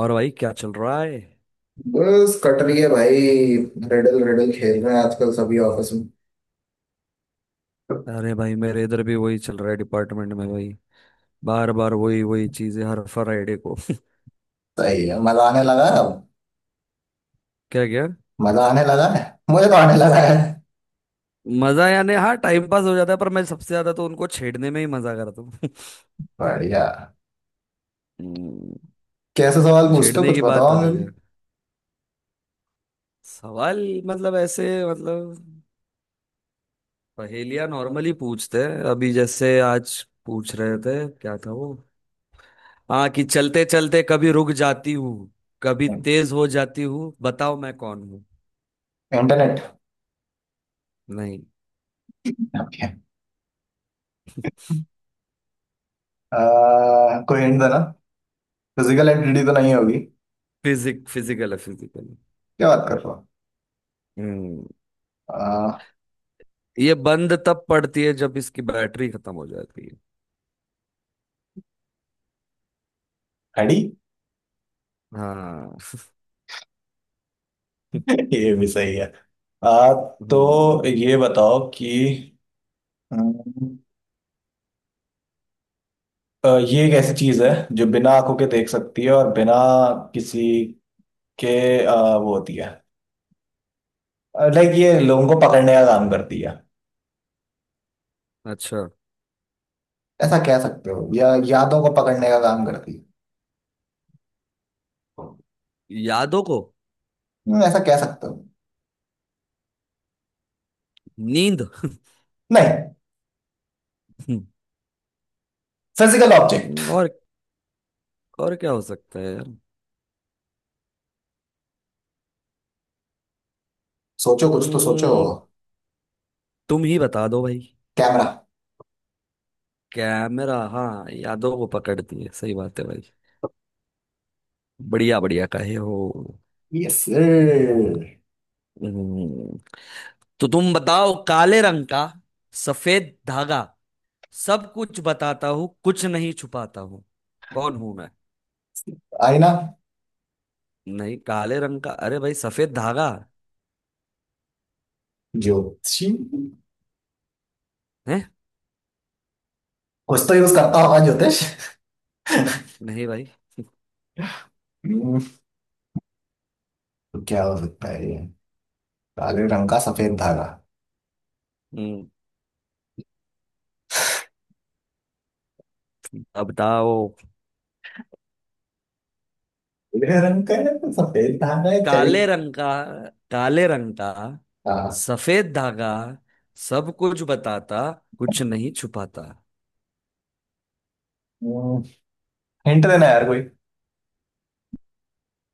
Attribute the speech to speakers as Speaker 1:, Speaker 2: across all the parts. Speaker 1: और भाई क्या चल रहा है।
Speaker 2: बस कट रही है भाई। रिडल रिडल खेल रहे हैं आजकल सभी ऑफिस में।
Speaker 1: अरे भाई मेरे इधर भी वही चल रहा है डिपार्टमेंट में भाई। बार बार वही वही चीजें हर फ्राइडे को
Speaker 2: सही है, मजा आने लगा है अब।
Speaker 1: क्या क्या।
Speaker 2: मजा आने लगा है। मुझे तो आने लगा है।
Speaker 1: मजा यानी हाँ टाइम पास हो जाता है, पर मैं सबसे ज्यादा तो उनको छेड़ने में ही मजा करता हूँ
Speaker 2: बढ़िया।
Speaker 1: हम्म,
Speaker 2: कैसे सवाल पूछते हो,
Speaker 1: छेड़ने
Speaker 2: कुछ
Speaker 1: की बात
Speaker 2: बताओ हमें
Speaker 1: अलग
Speaker 2: भी।
Speaker 1: है। सवाल मतलब ऐसे मतलब पहेलियां नॉर्मली पूछते हैं, अभी जैसे आज पूछ रहे थे क्या था वो। हाँ, कि चलते चलते कभी रुक जाती हूँ, कभी तेज हो जाती हूँ, बताओ मैं कौन हूँ।
Speaker 2: इंटरनेट।
Speaker 1: नहीं।
Speaker 2: ओके। कोई हिंट देना। फिजिकल एंटिटी तो नहीं होगी क्या।
Speaker 1: फिजिकल है, फिजिकल है।
Speaker 2: बात कर रहे हो।
Speaker 1: हम्म।
Speaker 2: अह,
Speaker 1: ये बंद तब पड़ती है जब इसकी बैटरी खत्म हो जाती है।
Speaker 2: हड्डी।
Speaker 1: हाँ।
Speaker 2: ये भी सही है। आ,
Speaker 1: हम्म।
Speaker 2: तो ये बताओ कि हम्म, ये एक ऐसी चीज है जो बिना आंखों के देख सकती है और बिना किसी के वो होती है। लाइक ये लोगों को पकड़ने का काम करती है,
Speaker 1: अच्छा।
Speaker 2: ऐसा कह सकते हो, या यादों को पकड़ने का काम करती है।
Speaker 1: यादों को।
Speaker 2: ऐसा कह सकते हो।
Speaker 1: नींद
Speaker 2: नहीं, फिजिकल ऑब्जेक्ट।
Speaker 1: हम्म, और और क्या हो सकता है यार।
Speaker 2: सोचो, कुछ तो सोचो।
Speaker 1: हम्म, तुम ही बता दो भाई।
Speaker 2: कैमरा।
Speaker 1: कैमरा, हाँ यादों को पकड़ती है, सही बात है भाई। बढ़िया बढ़िया कहे हो।
Speaker 2: यस।
Speaker 1: हम्म, तो तुम बताओ। काले रंग का सफेद धागा, सब कुछ बताता हूँ कुछ नहीं छुपाता हूँ, कौन हूं मैं।
Speaker 2: आईना।
Speaker 1: नहीं, काले रंग का, अरे भाई सफेद धागा
Speaker 2: ज्योतिषी।
Speaker 1: है।
Speaker 2: कुछ तो यूज करता होगा ज्योतिष।
Speaker 1: नहीं भाई।
Speaker 2: हम्म, तो क्या हो सकता है ये, काले रंग का सफेद धागा।
Speaker 1: हम्म, अब बताओ।
Speaker 2: काले रंग का है तो सफेद धागा है चल।
Speaker 1: काले रंग का, काले रंग का
Speaker 2: हाँ।
Speaker 1: सफेद धागा, सब कुछ बताता, कुछ नहीं छुपाता।
Speaker 2: हिंट देना यार कोई।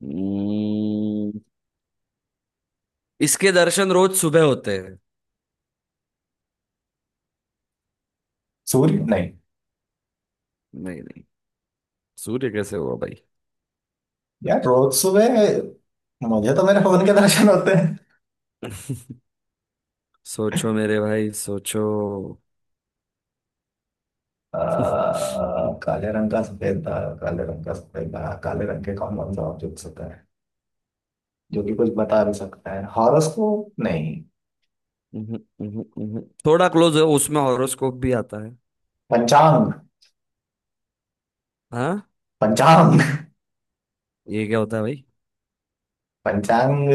Speaker 1: हम्म, इसके दर्शन रोज सुबह होते हैं।
Speaker 2: सूर्य नहीं।
Speaker 1: नहीं नहीं, सूर्य कैसे हुआ भाई।
Speaker 2: यार रोज सुबह मुझे तो मेरे फोन के दर्शन होते हैं।
Speaker 1: सोचो मेरे भाई सोचो।
Speaker 2: आ, काले रंग का सफेद तारा, काले रंग का सफेद तारा, काले रंग के कौन कौन सा ऑब्जेक्ट होता है जो कि कुछ बता भी सकता है, हॉरोस्कोप नहीं।
Speaker 1: उहुं, उहुं, उहुं। थोड़ा क्लोज है, उसमें हॉरोस्कोप भी आता है।
Speaker 2: पंचांग।
Speaker 1: हाँ।
Speaker 2: पंचांग।
Speaker 1: ये क्या होता है भाई।
Speaker 2: पंचांग।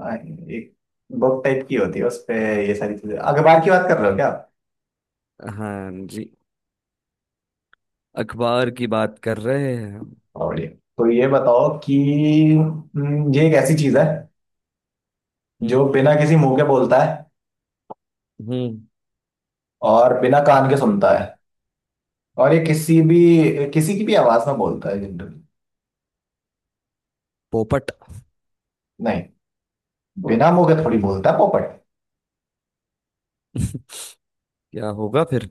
Speaker 2: एक बुक टाइप की होती है उस पे ये सारी चीजें, अखबार की बात कर रहे हो क्या आप?
Speaker 1: हाँ जी, अखबार की बात कर रहे हैं हम।
Speaker 2: और बढ़िया। तो ये बताओ कि ये एक ऐसी चीज है
Speaker 1: हम्म।
Speaker 2: जो
Speaker 1: हम्म।
Speaker 2: बिना किसी मुंह के बोलता है
Speaker 1: हम्म।
Speaker 2: और बिना कान के सुनता है, और ये किसी की भी आवाज में बोलता है जनरली।
Speaker 1: पोपट
Speaker 2: नहीं, बिना मुंह के थोड़ी बोलता है पोपट।
Speaker 1: क्या होगा फिर,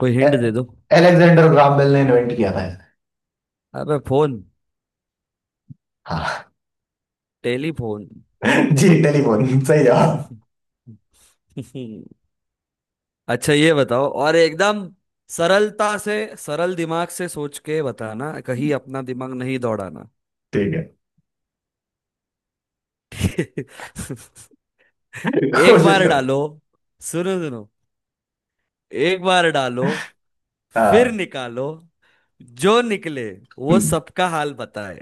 Speaker 1: कोई
Speaker 2: ए-
Speaker 1: हिंट दे दो।
Speaker 2: एलेक्जेंडर ग्राहम बेल ने इन्वेंट किया था इसे।
Speaker 1: अबे फोन।
Speaker 2: हाँ।
Speaker 1: टेलीफोन
Speaker 2: जी, टेलीफोन, सही जवाब।
Speaker 1: अच्छा ये बताओ, और एकदम सरलता से, सरल दिमाग से सोच के बताना, कहीं अपना दिमाग नहीं दौड़ाना
Speaker 2: ठीक है।
Speaker 1: एक
Speaker 2: कोशिश
Speaker 1: बार
Speaker 2: करो।
Speaker 1: डालो, सुनो सुनो, एक बार डालो, फिर
Speaker 2: हाँ।
Speaker 1: निकालो, जो निकले वो सबका हाल बताए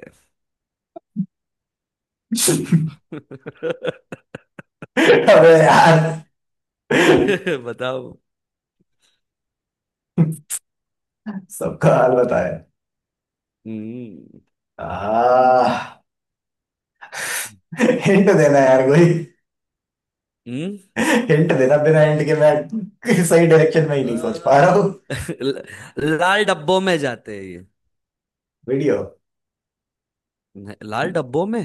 Speaker 2: अबे यार,
Speaker 1: बताओ।
Speaker 2: सबका हाल बताया।
Speaker 1: हम्म।
Speaker 2: आ, हिंट देना यार कोई।
Speaker 1: हम्म।
Speaker 2: हिंट देना, बिना हिंट के मैं सही डायरेक्शन में ही नहीं सोच पा रहा
Speaker 1: अ,
Speaker 2: हूँ।
Speaker 1: ल- लाल डब्बों में जाते हैं ये।
Speaker 2: वीडियो।
Speaker 1: लाल डब्बों में।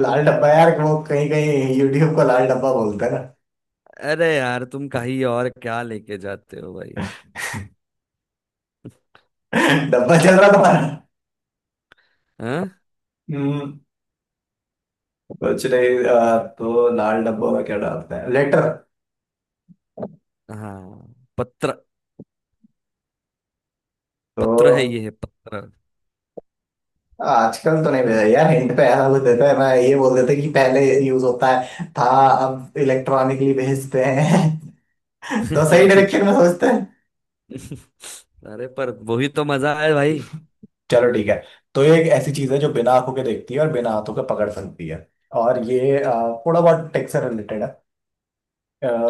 Speaker 2: लाल डब्बा यार, वो कहीं कहीं यूट्यूब को लाल डब्बा बोलते हैं।
Speaker 1: अरे यार तुम कहीं और क्या लेके जाते हो भाई।
Speaker 2: डब्बा चल रहा तुम्हारा।
Speaker 1: हाँ,
Speaker 2: हम्म। कुछ नहीं, तो लाल डब्बों में क्या डालते हैं, लेटर।
Speaker 1: हाँ पत्र। पत्र है,
Speaker 2: तो
Speaker 1: ये है पत्र
Speaker 2: आजकल तो नहीं भेजा यार, हिंट पे ऐसा कुछ देते हैं मैं, ये बोल देते कि पहले यूज होता है था, अब इलेक्ट्रॉनिकली भेजते हैं। तो सही डायरेक्शन में सोचते हैं।
Speaker 1: अरे पर वही तो मजा है भाई।
Speaker 2: चलो ठीक है। तो ये एक ऐसी चीज है जो बिना आंखों के देखती है और बिना हाथों के पकड़ सकती है, और ये थोड़ा बहुत टेक से रिलेटेड है।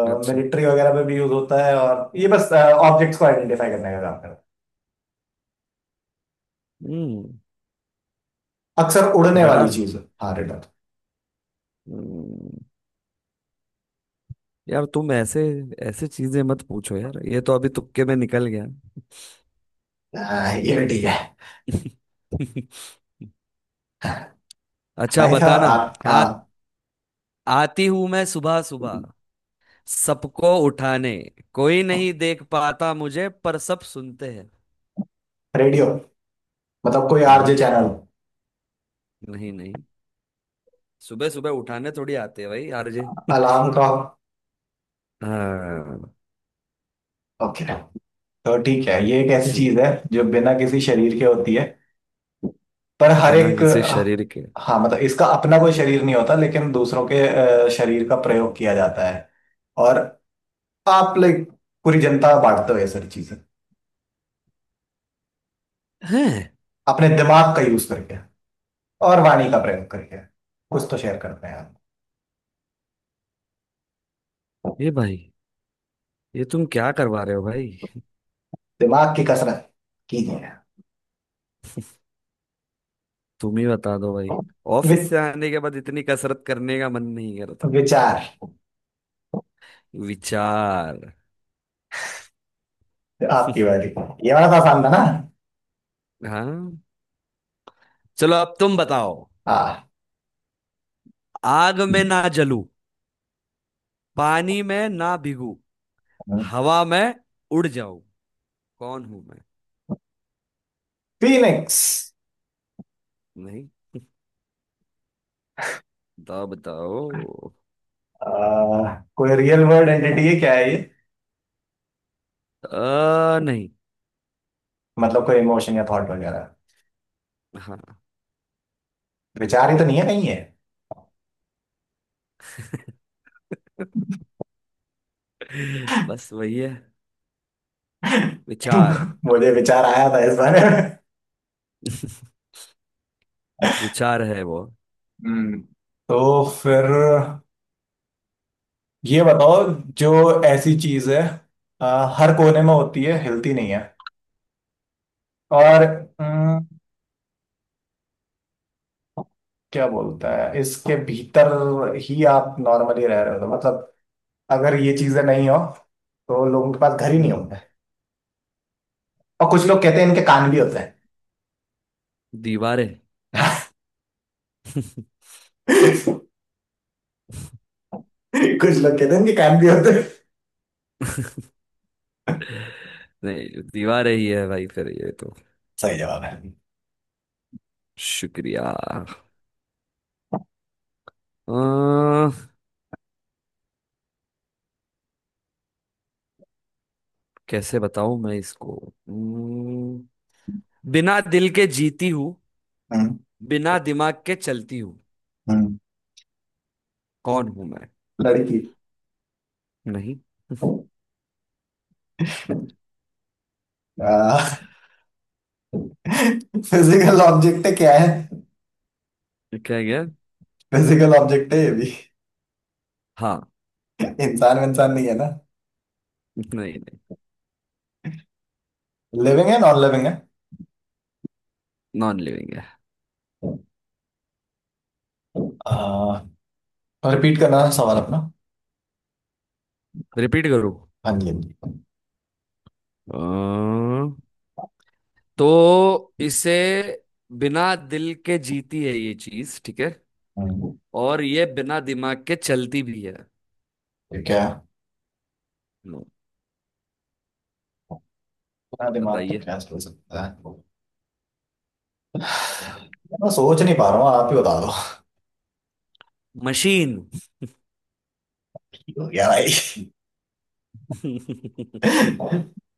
Speaker 1: अच्छा।
Speaker 2: मिलिट्री वगैरह में भी यूज होता है, और ये बस ऑब्जेक्ट्स को आइडेंटिफाई करने का काम,
Speaker 1: हम्म।
Speaker 2: अक्सर उड़ने वाली
Speaker 1: रडार।
Speaker 2: चीज। हाँ रिडल।
Speaker 1: हम्म। यार तुम ऐसे ऐसे चीजें मत पूछो यार, ये तो अभी तुक्के में निकल गया
Speaker 2: हाँ, ये भी ठीक है।
Speaker 1: अच्छा
Speaker 2: भाई साहब
Speaker 1: बताना।
Speaker 2: आप,
Speaker 1: आ,
Speaker 2: हाँ।
Speaker 1: आती हूं मैं सुबह सुबह, सबको उठाने, कोई नहीं देख पाता मुझे पर सब सुनते हैं।
Speaker 2: रेडियो, मतलब कोई आरजे
Speaker 1: नहीं।
Speaker 2: चैनल।
Speaker 1: नहीं नहीं, सुबह सुबह उठाने थोड़ी आते हैं भाई आरजे
Speaker 2: अलार्म का।
Speaker 1: हाँ
Speaker 2: ओके। तो ठीक है, ये एक ऐसी
Speaker 1: जी।
Speaker 2: चीज है जो बिना किसी शरीर के होती है पर हर
Speaker 1: बिना
Speaker 2: एक।
Speaker 1: किसी शरीर के
Speaker 2: हाँ, मतलब इसका अपना कोई शरीर नहीं होता लेकिन दूसरों के शरीर का प्रयोग किया जाता है, और आप लाइक पूरी जनता बांटते हो ये सारी चीजें
Speaker 1: हैं।
Speaker 2: अपने दिमाग का यूज करके और वाणी का प्रयोग करके, कुछ तो शेयर करते हैं आप।
Speaker 1: ये भाई, ये तुम क्या करवा रहे हो भाई।
Speaker 2: दिमाग की कसरत कीजिए।
Speaker 1: तुम ही बता दो भाई,
Speaker 2: वि-
Speaker 1: ऑफिस से आने के बाद इतनी कसरत करने का मन नहीं।
Speaker 2: विचार।
Speaker 1: विचार।
Speaker 2: आपकी बारी। ये वाला तो आसान था ना।
Speaker 1: हाँ, चलो अब तुम बताओ।
Speaker 2: हाँ।
Speaker 1: आग में ना जलूं, पानी में ना भीगू, हवा में उड़ जाऊं, कौन हूं मैं।
Speaker 2: फीनिक्स।
Speaker 1: नहीं, बताओ बताओ।
Speaker 2: कोई रियल वर्ल्ड एंटिटी है, क्या है ये,
Speaker 1: नहीं।
Speaker 2: मतलब कोई इमोशन या थॉट वगैरह।
Speaker 1: हाँ
Speaker 2: विचार ही तो नहीं है कहीं है।
Speaker 1: बस वही है, विचार
Speaker 2: मुझे विचार आया था इस बारे में।
Speaker 1: विचार है वो।
Speaker 2: हम्म। तो फिर ये बताओ, जो ऐसी चीज है अ, हर कोने में होती है, हिलती नहीं है, और अम, क्या बोलता है इसके भीतर ही आप नॉर्मली रह रहे हो, तो मतलब अगर ये चीजें नहीं हो तो लोगों के पास घर ही नहीं
Speaker 1: हम्म।
Speaker 2: होंगे। और कुछ लोग कहते हैं इनके कान भी होते हैं।
Speaker 1: दीवारें।
Speaker 2: कुछ लोग कहते हैं इनके कान भी होते हैं।
Speaker 1: नहीं, दीवारें ही है भाई फिर ये तो।
Speaker 2: सही जवाब है।
Speaker 1: शुक्रिया। कैसे बताऊं मैं इसको। हम्म, बिना दिल के जीती हूँ,
Speaker 2: हम्म।
Speaker 1: बिना दिमाग के चलती हूँ,
Speaker 2: हम्म।
Speaker 1: कौन हूं मैं।
Speaker 2: लड़की।
Speaker 1: नहीं
Speaker 2: फिजिकल ऑब्जेक्ट क्या है।
Speaker 1: क्या गया।
Speaker 2: फिजिकल ऑब्जेक्ट है ये भी।
Speaker 1: हाँ।
Speaker 2: इंसान इंसान नहीं है ना।
Speaker 1: नहीं नहीं।
Speaker 2: लिविंग है, नॉन लिविंग है।
Speaker 1: नॉन लिविंग है।
Speaker 2: रिपीट करना सवाल अपना।
Speaker 1: रिपीट करूँ।
Speaker 2: हाँ जी, हाँ जी।
Speaker 1: अ, तो इसे, बिना दिल के जीती है ये चीज ठीक है,
Speaker 2: हम्म,
Speaker 1: और ये बिना दिमाग के चलती भी है।
Speaker 2: ये क्या,
Speaker 1: लो,
Speaker 2: इतना दिमाग तो
Speaker 1: बताइए।
Speaker 2: क्या सोच सकता है यार, मैं सोच नहीं पा रहा हूँ, आप ही बता
Speaker 1: मशीन
Speaker 2: दो। क्या भाई,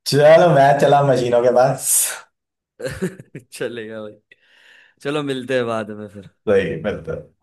Speaker 2: चलो मैं चला मशीनों के पास।
Speaker 1: चलेगा भाई, चलो मिलते हैं बाद में फिर।
Speaker 2: सही मतलब।